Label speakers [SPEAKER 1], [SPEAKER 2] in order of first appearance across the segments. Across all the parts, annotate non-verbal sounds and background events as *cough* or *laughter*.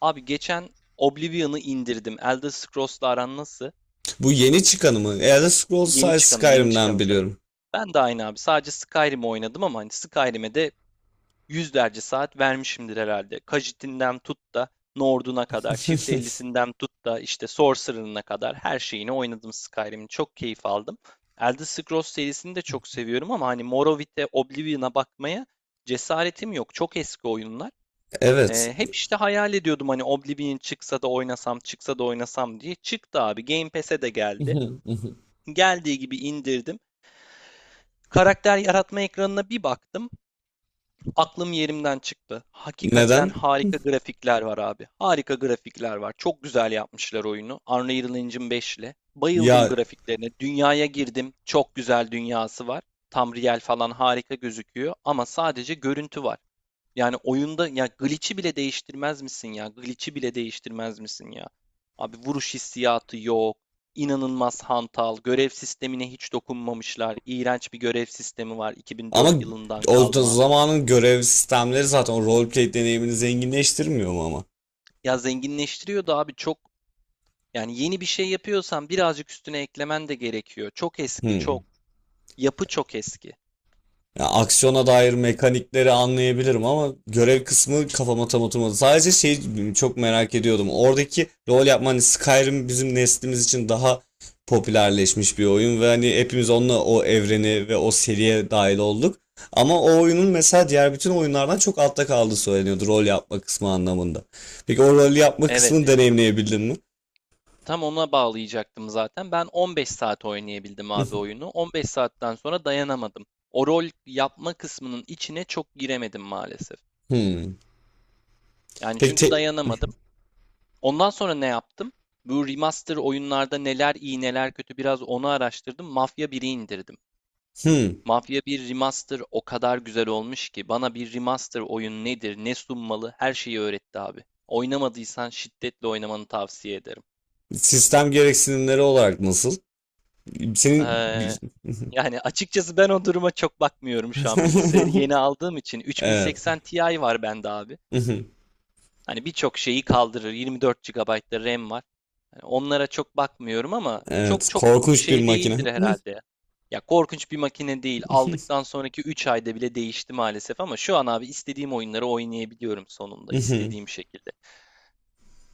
[SPEAKER 1] Abi geçen Oblivion'ı indirdim. Elder Scrolls'la aran nasıl?
[SPEAKER 2] Bu yeni çıkanı mı? Elder Scrolls
[SPEAKER 1] Yeni
[SPEAKER 2] sadece
[SPEAKER 1] çıkanı, yeni
[SPEAKER 2] Skyrim'den
[SPEAKER 1] çıkanı tabii.
[SPEAKER 2] biliyorum.
[SPEAKER 1] Ben de aynı abi. Sadece Skyrim'i oynadım ama hani Skyrim'e de yüzlerce saat vermişimdir herhalde. Khajiit'inden tut da Nord'una kadar, Çift
[SPEAKER 2] *laughs*
[SPEAKER 1] 50'sinden tut da işte Sorcerer'ına kadar her şeyini oynadım Skyrim'in. Çok keyif aldım. Elder Scrolls serisini de çok seviyorum ama hani Morrowind'e, Oblivion'a bakmaya cesaretim yok. Çok eski oyunlar.
[SPEAKER 2] Evet.
[SPEAKER 1] Hep işte hayal ediyordum hani Oblivion çıksa da oynasam, çıksa da oynasam diye. Çıktı abi. Game Pass'e de geldi.
[SPEAKER 2] *laughs*
[SPEAKER 1] Geldiği gibi indirdim. Karakter yaratma ekranına bir baktım. Aklım yerimden çıktı. Hakikaten
[SPEAKER 2] Neden?
[SPEAKER 1] harika grafikler var abi. Harika grafikler var. Çok güzel yapmışlar oyunu. Unreal Engine 5 ile. Bayıldım
[SPEAKER 2] Ya
[SPEAKER 1] grafiklerine. Dünyaya girdim. Çok güzel dünyası var. Tam real falan harika gözüküyor ama sadece görüntü var. Yani oyunda ya glitch'i bile değiştirmez misin ya? Glitch'i bile değiştirmez misin ya? Abi vuruş hissiyatı yok. İnanılmaz hantal. Görev sistemine hiç dokunmamışlar. İğrenç bir görev sistemi var 2004
[SPEAKER 2] ama
[SPEAKER 1] yılından
[SPEAKER 2] o da
[SPEAKER 1] kalma.
[SPEAKER 2] zamanın görev sistemleri zaten o roleplay deneyimini zenginleştirmiyor mu ama?
[SPEAKER 1] Ya zenginleştiriyordu abi çok. Yani yeni bir şey yapıyorsan birazcık üstüne eklemen de gerekiyor. Çok eski,
[SPEAKER 2] Hmm.
[SPEAKER 1] çok. Yapı çok eski.
[SPEAKER 2] Ya aksiyona dair mekanikleri anlayabilirim ama görev kısmı kafama tam oturmadı. Sadece çok merak ediyordum. Oradaki rol yapma, hani Skyrim bizim neslimiz için daha popülerleşmiş bir oyun ve hani hepimiz onunla o evreni ve o seriye dahil olduk. Ama o oyunun mesela diğer bütün oyunlardan çok altta kaldığı söyleniyordu, rol yapma kısmı anlamında. Peki o rol yapma
[SPEAKER 1] Evet.
[SPEAKER 2] kısmını deneyimleyebildin mi?
[SPEAKER 1] Tam ona bağlayacaktım zaten. Ben 15 saat oynayabildim abi oyunu. 15 saatten sonra dayanamadım. O rol yapma kısmının içine çok giremedim maalesef.
[SPEAKER 2] Hmm.
[SPEAKER 1] Yani
[SPEAKER 2] Peki
[SPEAKER 1] çünkü
[SPEAKER 2] te-
[SPEAKER 1] dayanamadım. Ondan sonra ne yaptım? Bu remaster oyunlarda neler iyi neler kötü biraz onu araştırdım. Mafya biri indirdim.
[SPEAKER 2] hmm.
[SPEAKER 1] Mafya bir remaster o kadar güzel olmuş ki bana bir remaster oyun nedir, ne sunmalı her şeyi öğretti abi. Oynamadıysan şiddetle oynamanı tavsiye ederim.
[SPEAKER 2] Sistem gereksinimleri olarak nasıl? Senin
[SPEAKER 1] Ee, Yani açıkçası ben o duruma çok bakmıyorum şu an. Bilgisayarı yeni
[SPEAKER 2] *laughs*
[SPEAKER 1] aldığım için
[SPEAKER 2] Evet.
[SPEAKER 1] 3080 Ti var bende abi.
[SPEAKER 2] *laughs*
[SPEAKER 1] Hani birçok şeyi kaldırır. 24 gigabayt da RAM var. Hani onlara çok bakmıyorum ama çok
[SPEAKER 2] Evet.
[SPEAKER 1] çok
[SPEAKER 2] Korkunç bir
[SPEAKER 1] şey
[SPEAKER 2] makine.
[SPEAKER 1] değildir
[SPEAKER 2] *laughs*
[SPEAKER 1] herhalde. Ya, korkunç bir makine değil. Aldıktan sonraki 3 ayda bile değişti maalesef ama şu an abi istediğim oyunları oynayabiliyorum sonunda istediğim şekilde.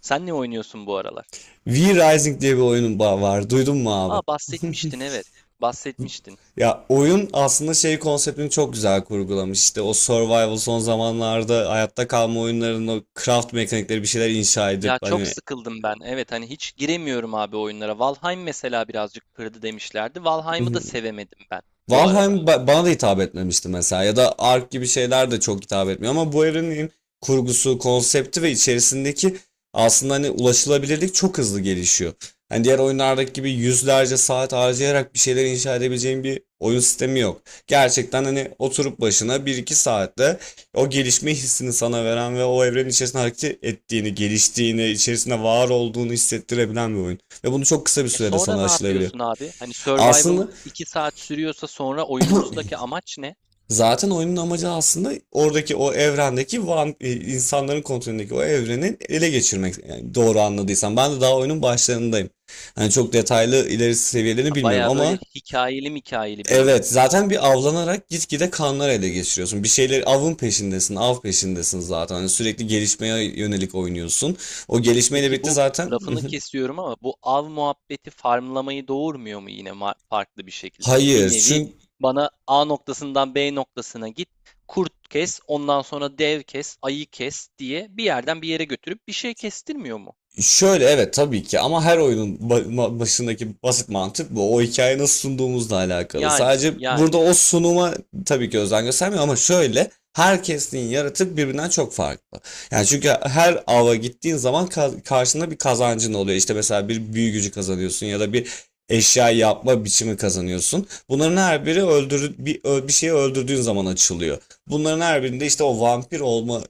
[SPEAKER 1] Sen ne oynuyorsun bu aralar?
[SPEAKER 2] V Rising diye bir oyunun var. Duydun mu abi?
[SPEAKER 1] Aa,
[SPEAKER 2] *laughs*
[SPEAKER 1] bahsetmiştin, evet. Bahsetmiştin.
[SPEAKER 2] Ya oyun aslında konseptini çok güzel kurgulamış. İşte o survival, son zamanlarda hayatta kalma oyunlarının o craft mekanikleri, bir şeyler inşa edip
[SPEAKER 1] Ya çok
[SPEAKER 2] hani…
[SPEAKER 1] sıkıldım ben. Evet hani hiç giremiyorum abi oyunlara. Valheim mesela birazcık kırdı demişlerdi. Valheim'ı da
[SPEAKER 2] *laughs*
[SPEAKER 1] sevemedim ben bu arada.
[SPEAKER 2] Bana da hitap etmemişti mesela, ya da Ark gibi şeyler de çok hitap etmiyor, ama bu evrenin kurgusu, konsepti ve içerisindeki, aslında hani ulaşılabilirlik çok hızlı gelişiyor. Hani diğer oyunlardaki gibi yüzlerce saat harcayarak bir şeyler inşa edebileceğin bir oyun sistemi yok. Gerçekten hani oturup başına bir iki saatte o gelişme hissini sana veren ve o evrenin içerisinde hareket ettiğini, geliştiğini, içerisinde var olduğunu hissettirebilen bir oyun. Ve bunu çok kısa bir
[SPEAKER 1] E
[SPEAKER 2] sürede
[SPEAKER 1] sonra
[SPEAKER 2] sana
[SPEAKER 1] ne
[SPEAKER 2] aşılayabiliyor.
[SPEAKER 1] yapıyorsun abi? Hani survival
[SPEAKER 2] Aslında…
[SPEAKER 1] 2 saat sürüyorsa sonra oyunumuzdaki amaç ne?
[SPEAKER 2] Zaten oyunun amacı aslında oradaki o evrendeki insanların kontrolündeki o evrenin ele geçirmek. Yani doğru anladıysam. Ben de daha oyunun başlarındayım. Hani çok detaylı ilerisi seviyelerini
[SPEAKER 1] Ha,
[SPEAKER 2] bilmiyorum
[SPEAKER 1] baya böyle
[SPEAKER 2] ama…
[SPEAKER 1] hikayeli hikayeli bir oyun.
[SPEAKER 2] Evet, zaten bir avlanarak gitgide kanlar ele geçiriyorsun. Bir şeyler, av peşindesin zaten. Hani sürekli gelişmeye yönelik oynuyorsun. O gelişmeyle
[SPEAKER 1] Peki
[SPEAKER 2] birlikte
[SPEAKER 1] bu,
[SPEAKER 2] zaten…
[SPEAKER 1] lafını kesiyorum ama bu av muhabbeti farmlamayı doğurmuyor mu yine farklı bir
[SPEAKER 2] *laughs*
[SPEAKER 1] şekilde? Hani bir
[SPEAKER 2] Hayır,
[SPEAKER 1] nevi
[SPEAKER 2] çünkü…
[SPEAKER 1] bana A noktasından B noktasına git, kurt kes, ondan sonra dev kes, ayı kes diye bir yerden bir yere götürüp bir şey kestirmiyor mu?
[SPEAKER 2] Şöyle, evet tabii ki, ama her oyunun başındaki basit mantık bu. O hikayeyi nasıl sunduğumuzla alakalı.
[SPEAKER 1] Yani,
[SPEAKER 2] Sadece burada
[SPEAKER 1] yani.
[SPEAKER 2] o sunuma tabii ki özen göstermiyor, ama şöyle, herkesin yaratık birbirinden çok farklı. Yani çünkü her ava gittiğin zaman karşında bir kazancın oluyor. İşte mesela bir büyü gücü kazanıyorsun ya da bir eşya yapma biçimi kazanıyorsun. Bunların her biri bir şeyi öldürdüğün zaman açılıyor. Bunların her birinde işte o vampir olma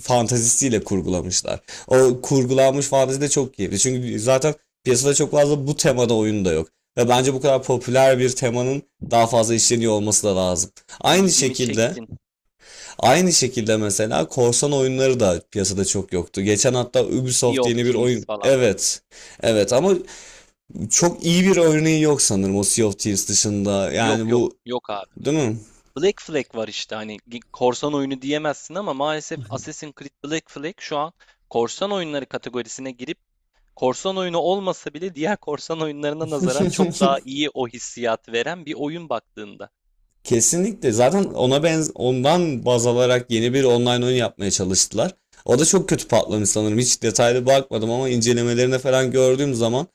[SPEAKER 2] fantazisiyle kurgulamışlar. O kurgulanmış fantezi de çok keyifli. Çünkü zaten piyasada çok fazla bu temada oyun da yok. Ve bence bu kadar popüler bir temanın daha fazla
[SPEAKER 1] Hmm.
[SPEAKER 2] işleniyor olması da lazım. Aynı
[SPEAKER 1] İlgimi
[SPEAKER 2] şekilde,
[SPEAKER 1] çektin.
[SPEAKER 2] aynı şekilde, mesela korsan oyunları da piyasada çok yoktu. Geçen hatta
[SPEAKER 1] Sea
[SPEAKER 2] Ubisoft
[SPEAKER 1] of
[SPEAKER 2] yeni bir
[SPEAKER 1] Thieves
[SPEAKER 2] oyun.
[SPEAKER 1] falan.
[SPEAKER 2] Evet. Evet ama çok iyi bir örneği yok sanırım, o Sea of Thieves dışında.
[SPEAKER 1] Yok
[SPEAKER 2] Yani
[SPEAKER 1] yok,
[SPEAKER 2] bu,
[SPEAKER 1] yok abi.
[SPEAKER 2] değil mi?
[SPEAKER 1] Black Flag var işte hani korsan oyunu diyemezsin ama maalesef Assassin's Creed Black Flag şu an korsan oyunları kategorisine girip korsan oyunu olmasa bile diğer korsan oyunlarına nazaran çok daha
[SPEAKER 2] *laughs*
[SPEAKER 1] iyi o hissiyat veren bir oyun baktığında.
[SPEAKER 2] Kesinlikle. Zaten ona benz ondan baz alarak yeni bir online oyun yapmaya çalıştılar. O da çok kötü patlamış sanırım. Hiç detaylı bakmadım ama incelemelerine falan gördüğüm zaman,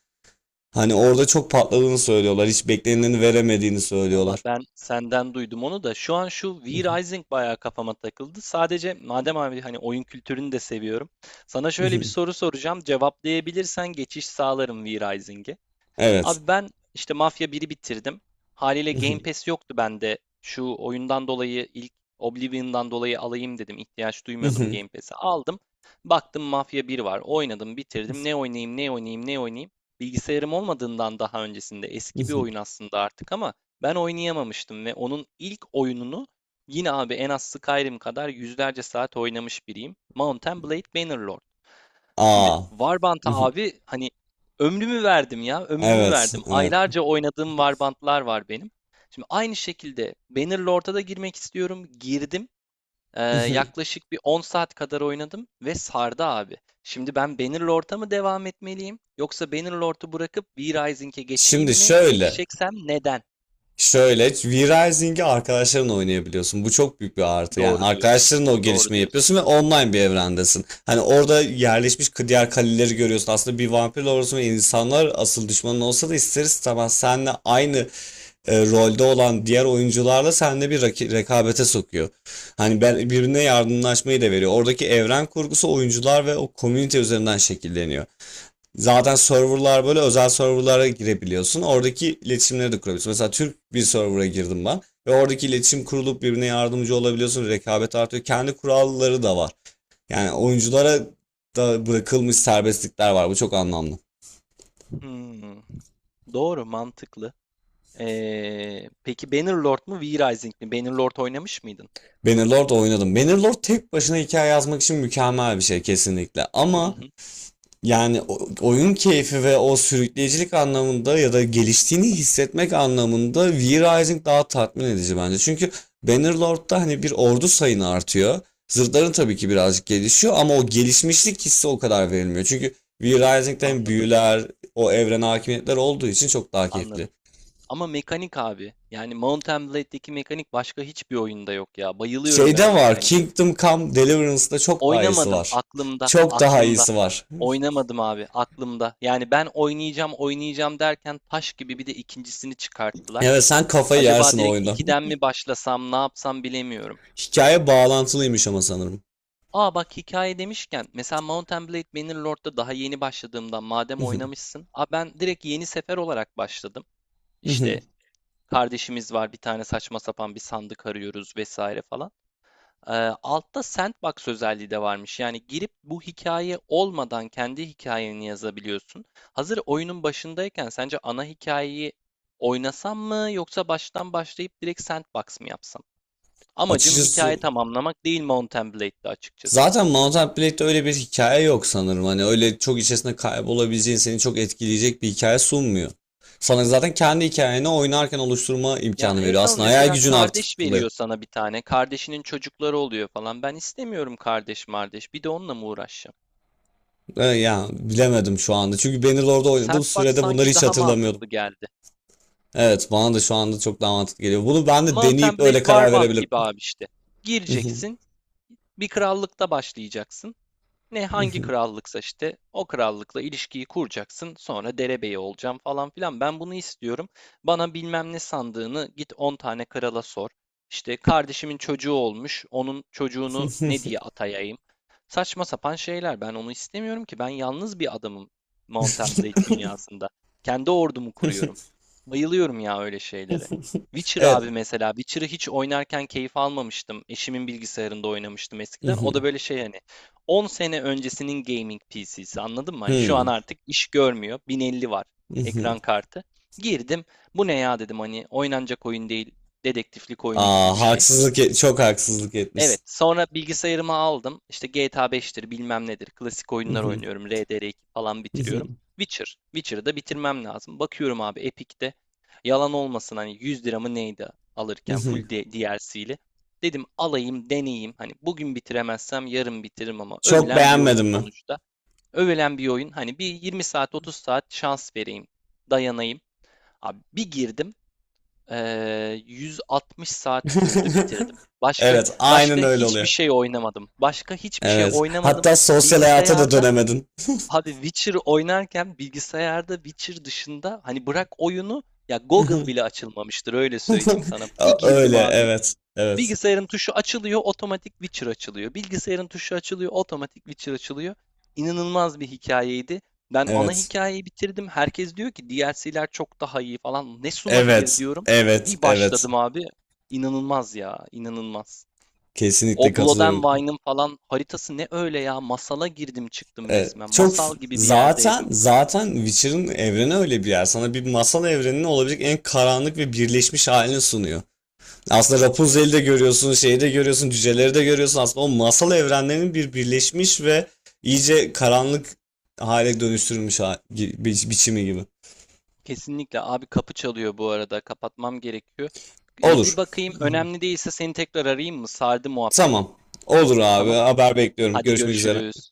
[SPEAKER 2] hani orada çok patladığını söylüyorlar. Hiç beklenileni veremediğini
[SPEAKER 1] Valla
[SPEAKER 2] söylüyorlar.
[SPEAKER 1] ben senden duydum onu da. Şu an şu V Rising bayağı kafama takıldı. Sadece madem abi hani oyun kültürünü de seviyorum. Sana şöyle bir
[SPEAKER 2] *laughs*
[SPEAKER 1] soru soracağım. Cevaplayabilirsen geçiş sağlarım V Rising'e.
[SPEAKER 2] Evet.
[SPEAKER 1] Abi ben işte Mafya biri bitirdim. Haliyle Game Pass yoktu bende. Şu oyundan dolayı ilk Oblivion'dan dolayı alayım dedim. İhtiyaç duymuyordum
[SPEAKER 2] *laughs*
[SPEAKER 1] Game Pass'e. Aldım. Baktım Mafya bir var. Oynadım, bitirdim. Ne oynayayım, ne oynayayım, ne oynayayım. Bilgisayarım olmadığından daha öncesinde eski bir oyun aslında artık ama ben oynayamamıştım ve onun ilk oyununu yine abi en az Skyrim kadar yüzlerce saat oynamış biriyim. Mount and Blade Bannerlord. Şimdi
[SPEAKER 2] Aa.
[SPEAKER 1] Warband'a
[SPEAKER 2] *laughs*
[SPEAKER 1] abi hani ömrümü verdim ya, ömrümü
[SPEAKER 2] Evet,
[SPEAKER 1] verdim.
[SPEAKER 2] evet.
[SPEAKER 1] Aylarca oynadığım Warband'lar var benim. Şimdi aynı şekilde Bannerlord'a da girmek istiyorum. Girdim.
[SPEAKER 2] *laughs*
[SPEAKER 1] Yaklaşık bir 10 saat kadar oynadım ve sardı abi. Şimdi ben Bannerlord'a mı devam etmeliyim yoksa Bannerlord'u bırakıp V-Rising'e geçeyim
[SPEAKER 2] Şimdi
[SPEAKER 1] mi?
[SPEAKER 2] şöyle.
[SPEAKER 1] Geçeceksem neden?
[SPEAKER 2] Şöyle, V-Rising'i arkadaşlarınla oynayabiliyorsun. Bu çok büyük bir artı. Yani
[SPEAKER 1] Doğru diyorsun.
[SPEAKER 2] arkadaşlarınla o
[SPEAKER 1] Doğru
[SPEAKER 2] gelişmeyi
[SPEAKER 1] diyorsun.
[SPEAKER 2] yapıyorsun ve online bir evrendesin. Hani orada yerleşmiş diğer kaleleri görüyorsun. Aslında bir vampir olursun ve insanlar asıl düşmanın olsa da ister istemez seninle aynı rolde olan diğer oyuncularla seninle bir rekabete sokuyor. Hani ben birbirine yardımlaşmayı da veriyor. Oradaki evren kurgusu oyuncular ve o komünite üzerinden şekilleniyor. Zaten serverlar, böyle özel serverlara girebiliyorsun. Oradaki iletişimleri de kurabiliyorsun. Mesela Türk bir server'a girdim ben ve oradaki iletişim kurulup birbirine yardımcı olabiliyorsun. Rekabet artıyor. Kendi kuralları da var. Yani oyunculara da bırakılmış serbestlikler var. Bu çok anlamlı.
[SPEAKER 1] Hmm, doğru, mantıklı. Peki Bannerlord mu V-Rising mi? Bannerlord oynamış mıydın?
[SPEAKER 2] Bannerlord oynadım. Bannerlord tek başına hikaye yazmak için mükemmel bir şey kesinlikle.
[SPEAKER 1] Hı
[SPEAKER 2] Ama…
[SPEAKER 1] hı.
[SPEAKER 2] Yani oyun keyfi ve o sürükleyicilik anlamında, ya da geliştiğini hissetmek anlamında V-Rising daha tatmin edici bence. Çünkü Bannerlord'da hani bir ordu sayını artıyor. Zırhların tabii ki birazcık gelişiyor, ama o gelişmişlik hissi o kadar verilmiyor. Çünkü V-Rising'den
[SPEAKER 1] Anladım,
[SPEAKER 2] büyüler, o evrene hakimiyetler olduğu için çok daha
[SPEAKER 1] anladım.
[SPEAKER 2] keyifli.
[SPEAKER 1] Ama mekanik abi. Yani Mount Blade'deki mekanik başka hiçbir oyunda yok ya. Bayılıyorum ben o
[SPEAKER 2] Şeyde var,
[SPEAKER 1] mekaniğe.
[SPEAKER 2] Kingdom Come Deliverance'da çok daha iyisi
[SPEAKER 1] Oynamadım
[SPEAKER 2] var.
[SPEAKER 1] aklımda,
[SPEAKER 2] Çok daha
[SPEAKER 1] aklımda.
[SPEAKER 2] iyisi var.
[SPEAKER 1] Oynamadım abi aklımda. Yani ben oynayacağım, oynayacağım derken taş gibi bir de ikincisini çıkarttılar.
[SPEAKER 2] Evet, sen kafayı yersin
[SPEAKER 1] Acaba
[SPEAKER 2] o
[SPEAKER 1] direkt
[SPEAKER 2] oyunda.
[SPEAKER 1] ikiden mi başlasam, ne yapsam bilemiyorum.
[SPEAKER 2] *laughs* Hikaye bağlantılıymış ama sanırım.
[SPEAKER 1] Aa bak, hikaye demişken mesela Mount and Blade Bannerlord'da daha yeni başladığımdan madem oynamışsın. Aa ben direkt yeni sefer olarak başladım. İşte
[SPEAKER 2] *laughs*
[SPEAKER 1] kardeşimiz var. Bir tane saçma sapan bir sandık arıyoruz vesaire falan. Ee, altta sandbox özelliği de varmış. Yani girip bu hikaye olmadan kendi hikayeni yazabiliyorsun. Hazır oyunun başındayken sence ana hikayeyi oynasam mı yoksa baştan başlayıp direkt sandbox mı yapsam? Amacım
[SPEAKER 2] Açıkçası
[SPEAKER 1] hikaye tamamlamak değil Mount and Blade'de açıkçası.
[SPEAKER 2] zaten Mount Blade'de öyle bir hikaye yok sanırım. Hani öyle çok içerisinde kaybolabileceğin, seni çok etkileyecek bir hikaye sunmuyor. Sana zaten kendi hikayeni oynarken oluşturma
[SPEAKER 1] Ya
[SPEAKER 2] imkanı
[SPEAKER 1] evet
[SPEAKER 2] veriyor.
[SPEAKER 1] ama
[SPEAKER 2] Aslında hayal
[SPEAKER 1] mesela
[SPEAKER 2] gücünü aktif
[SPEAKER 1] kardeş
[SPEAKER 2] kılıyor.
[SPEAKER 1] veriyor sana bir tane. Kardeşinin çocukları oluyor falan. Ben istemiyorum kardeş mardeş. Bir de onunla mı uğraşacağım?
[SPEAKER 2] Ya bilemedim şu anda. Çünkü Bannerlord'da oynadığım
[SPEAKER 1] Sandbox
[SPEAKER 2] sürede bunları
[SPEAKER 1] sanki
[SPEAKER 2] hiç
[SPEAKER 1] daha
[SPEAKER 2] hatırlamıyordum.
[SPEAKER 1] mantıklı geldi.
[SPEAKER 2] Evet, bana da şu anda çok daha mantıklı geliyor. Bunu ben de
[SPEAKER 1] Mount and
[SPEAKER 2] deneyip
[SPEAKER 1] Blade
[SPEAKER 2] öyle karar
[SPEAKER 1] Warband
[SPEAKER 2] verebilirim.
[SPEAKER 1] gibi abi işte. Gireceksin, bir krallıkta başlayacaksın. Ne hangi
[SPEAKER 2] *laughs*
[SPEAKER 1] krallıksa işte o krallıkla ilişkiyi kuracaksın sonra derebeyi olacağım falan filan ben bunu istiyorum. Bana bilmem ne sandığını git 10 tane krala sor. İşte kardeşimin çocuğu olmuş onun çocuğunu ne diye atayayım. Saçma sapan şeyler ben onu istemiyorum ki ben yalnız bir adamım Mountain Blade dünyasında. Kendi ordumu kuruyorum. Bayılıyorum ya öyle şeylere. Witcher
[SPEAKER 2] Evet.
[SPEAKER 1] abi mesela Witcher'ı hiç oynarken keyif almamıştım. Eşimin bilgisayarında oynamıştım eskiden. O da böyle şey hani 10 sene öncesinin gaming PC'si anladın mı? Hani şu an artık iş görmüyor. 1050 var ekran
[SPEAKER 2] *laughs*
[SPEAKER 1] kartı. Girdim. Bu ne ya dedim hani oynanacak oyun değil. Dedektiflik oyunu gibi
[SPEAKER 2] Aa,
[SPEAKER 1] bir şey.
[SPEAKER 2] çok haksızlık
[SPEAKER 1] Evet.
[SPEAKER 2] etmişsin.
[SPEAKER 1] Sonra bilgisayarımı aldım. İşte GTA 5'tir bilmem nedir. Klasik oyunlar oynuyorum. RDR2 falan bitiriyorum. Witcher. Witcher'ı da bitirmem lazım. Bakıyorum abi Epic'te. Yalan olmasın hani 100 lira mı neydi alırken full
[SPEAKER 2] *laughs*
[SPEAKER 1] DLC'li. Dedim alayım deneyeyim. Hani bugün bitiremezsem yarın bitiririm ama
[SPEAKER 2] Çok
[SPEAKER 1] övülen bir oyun
[SPEAKER 2] beğenmedin mi?
[SPEAKER 1] sonuçta. Övülen bir oyun hani bir 20 saat 30 saat şans vereyim. Dayanayım. Abi bir girdim. 160 saat sürdü bitirdim.
[SPEAKER 2] *laughs*
[SPEAKER 1] Başka
[SPEAKER 2] Evet, aynen
[SPEAKER 1] başka
[SPEAKER 2] öyle
[SPEAKER 1] hiçbir
[SPEAKER 2] oluyor.
[SPEAKER 1] şey oynamadım. Başka hiçbir şey
[SPEAKER 2] Evet.
[SPEAKER 1] oynamadım.
[SPEAKER 2] Hatta sosyal hayata da
[SPEAKER 1] Bilgisayarda
[SPEAKER 2] dönemedin.
[SPEAKER 1] abi Witcher oynarken bilgisayarda Witcher dışında hani bırak oyunu ya Google bile
[SPEAKER 2] *laughs*
[SPEAKER 1] açılmamıştır öyle söyleyeyim sana. Bir girdim
[SPEAKER 2] Öyle,
[SPEAKER 1] abi.
[SPEAKER 2] evet. Evet.
[SPEAKER 1] Bilgisayarın tuşu açılıyor, otomatik Witcher açılıyor. Bilgisayarın tuşu açılıyor, otomatik Witcher açılıyor. İnanılmaz bir hikayeydi. Ben ana
[SPEAKER 2] Evet.
[SPEAKER 1] hikayeyi bitirdim. Herkes diyor ki DLC'ler çok daha iyi falan. Ne sunabilir
[SPEAKER 2] Evet.
[SPEAKER 1] diyorum.
[SPEAKER 2] Evet.
[SPEAKER 1] Bir
[SPEAKER 2] Evet.
[SPEAKER 1] başladım abi. İnanılmaz ya, inanılmaz.
[SPEAKER 2] Kesinlikle
[SPEAKER 1] O Blood and
[SPEAKER 2] katılıyorum.
[SPEAKER 1] Wine'ın falan haritası ne öyle ya? Masala girdim çıktım
[SPEAKER 2] Evet.
[SPEAKER 1] resmen.
[SPEAKER 2] Çok f-
[SPEAKER 1] Masal gibi bir
[SPEAKER 2] zaten
[SPEAKER 1] yerdeydim.
[SPEAKER 2] zaten Witcher'ın evreni öyle bir yer. Sana bir masal evreninin olabilecek en karanlık ve birleşmiş halini sunuyor. Aslında Rapunzel'i de görüyorsun, şeyi de görüyorsun, cüceleri de görüyorsun. Aslında o masal evrenlerinin bir birleşmiş ve iyice karanlık hale dönüştürülmüş biçimi gibi.
[SPEAKER 1] Kesinlikle abi kapı çalıyor bu arada. Kapatmam gerekiyor. E,
[SPEAKER 2] Olur.
[SPEAKER 1] bir bakayım önemli değilse seni tekrar arayayım mı? Sardı muhabbet.
[SPEAKER 2] Tamam. Olur abi.
[SPEAKER 1] Tamam.
[SPEAKER 2] Haber bekliyorum.
[SPEAKER 1] Hadi
[SPEAKER 2] Görüşmek üzere.
[SPEAKER 1] görüşürüz.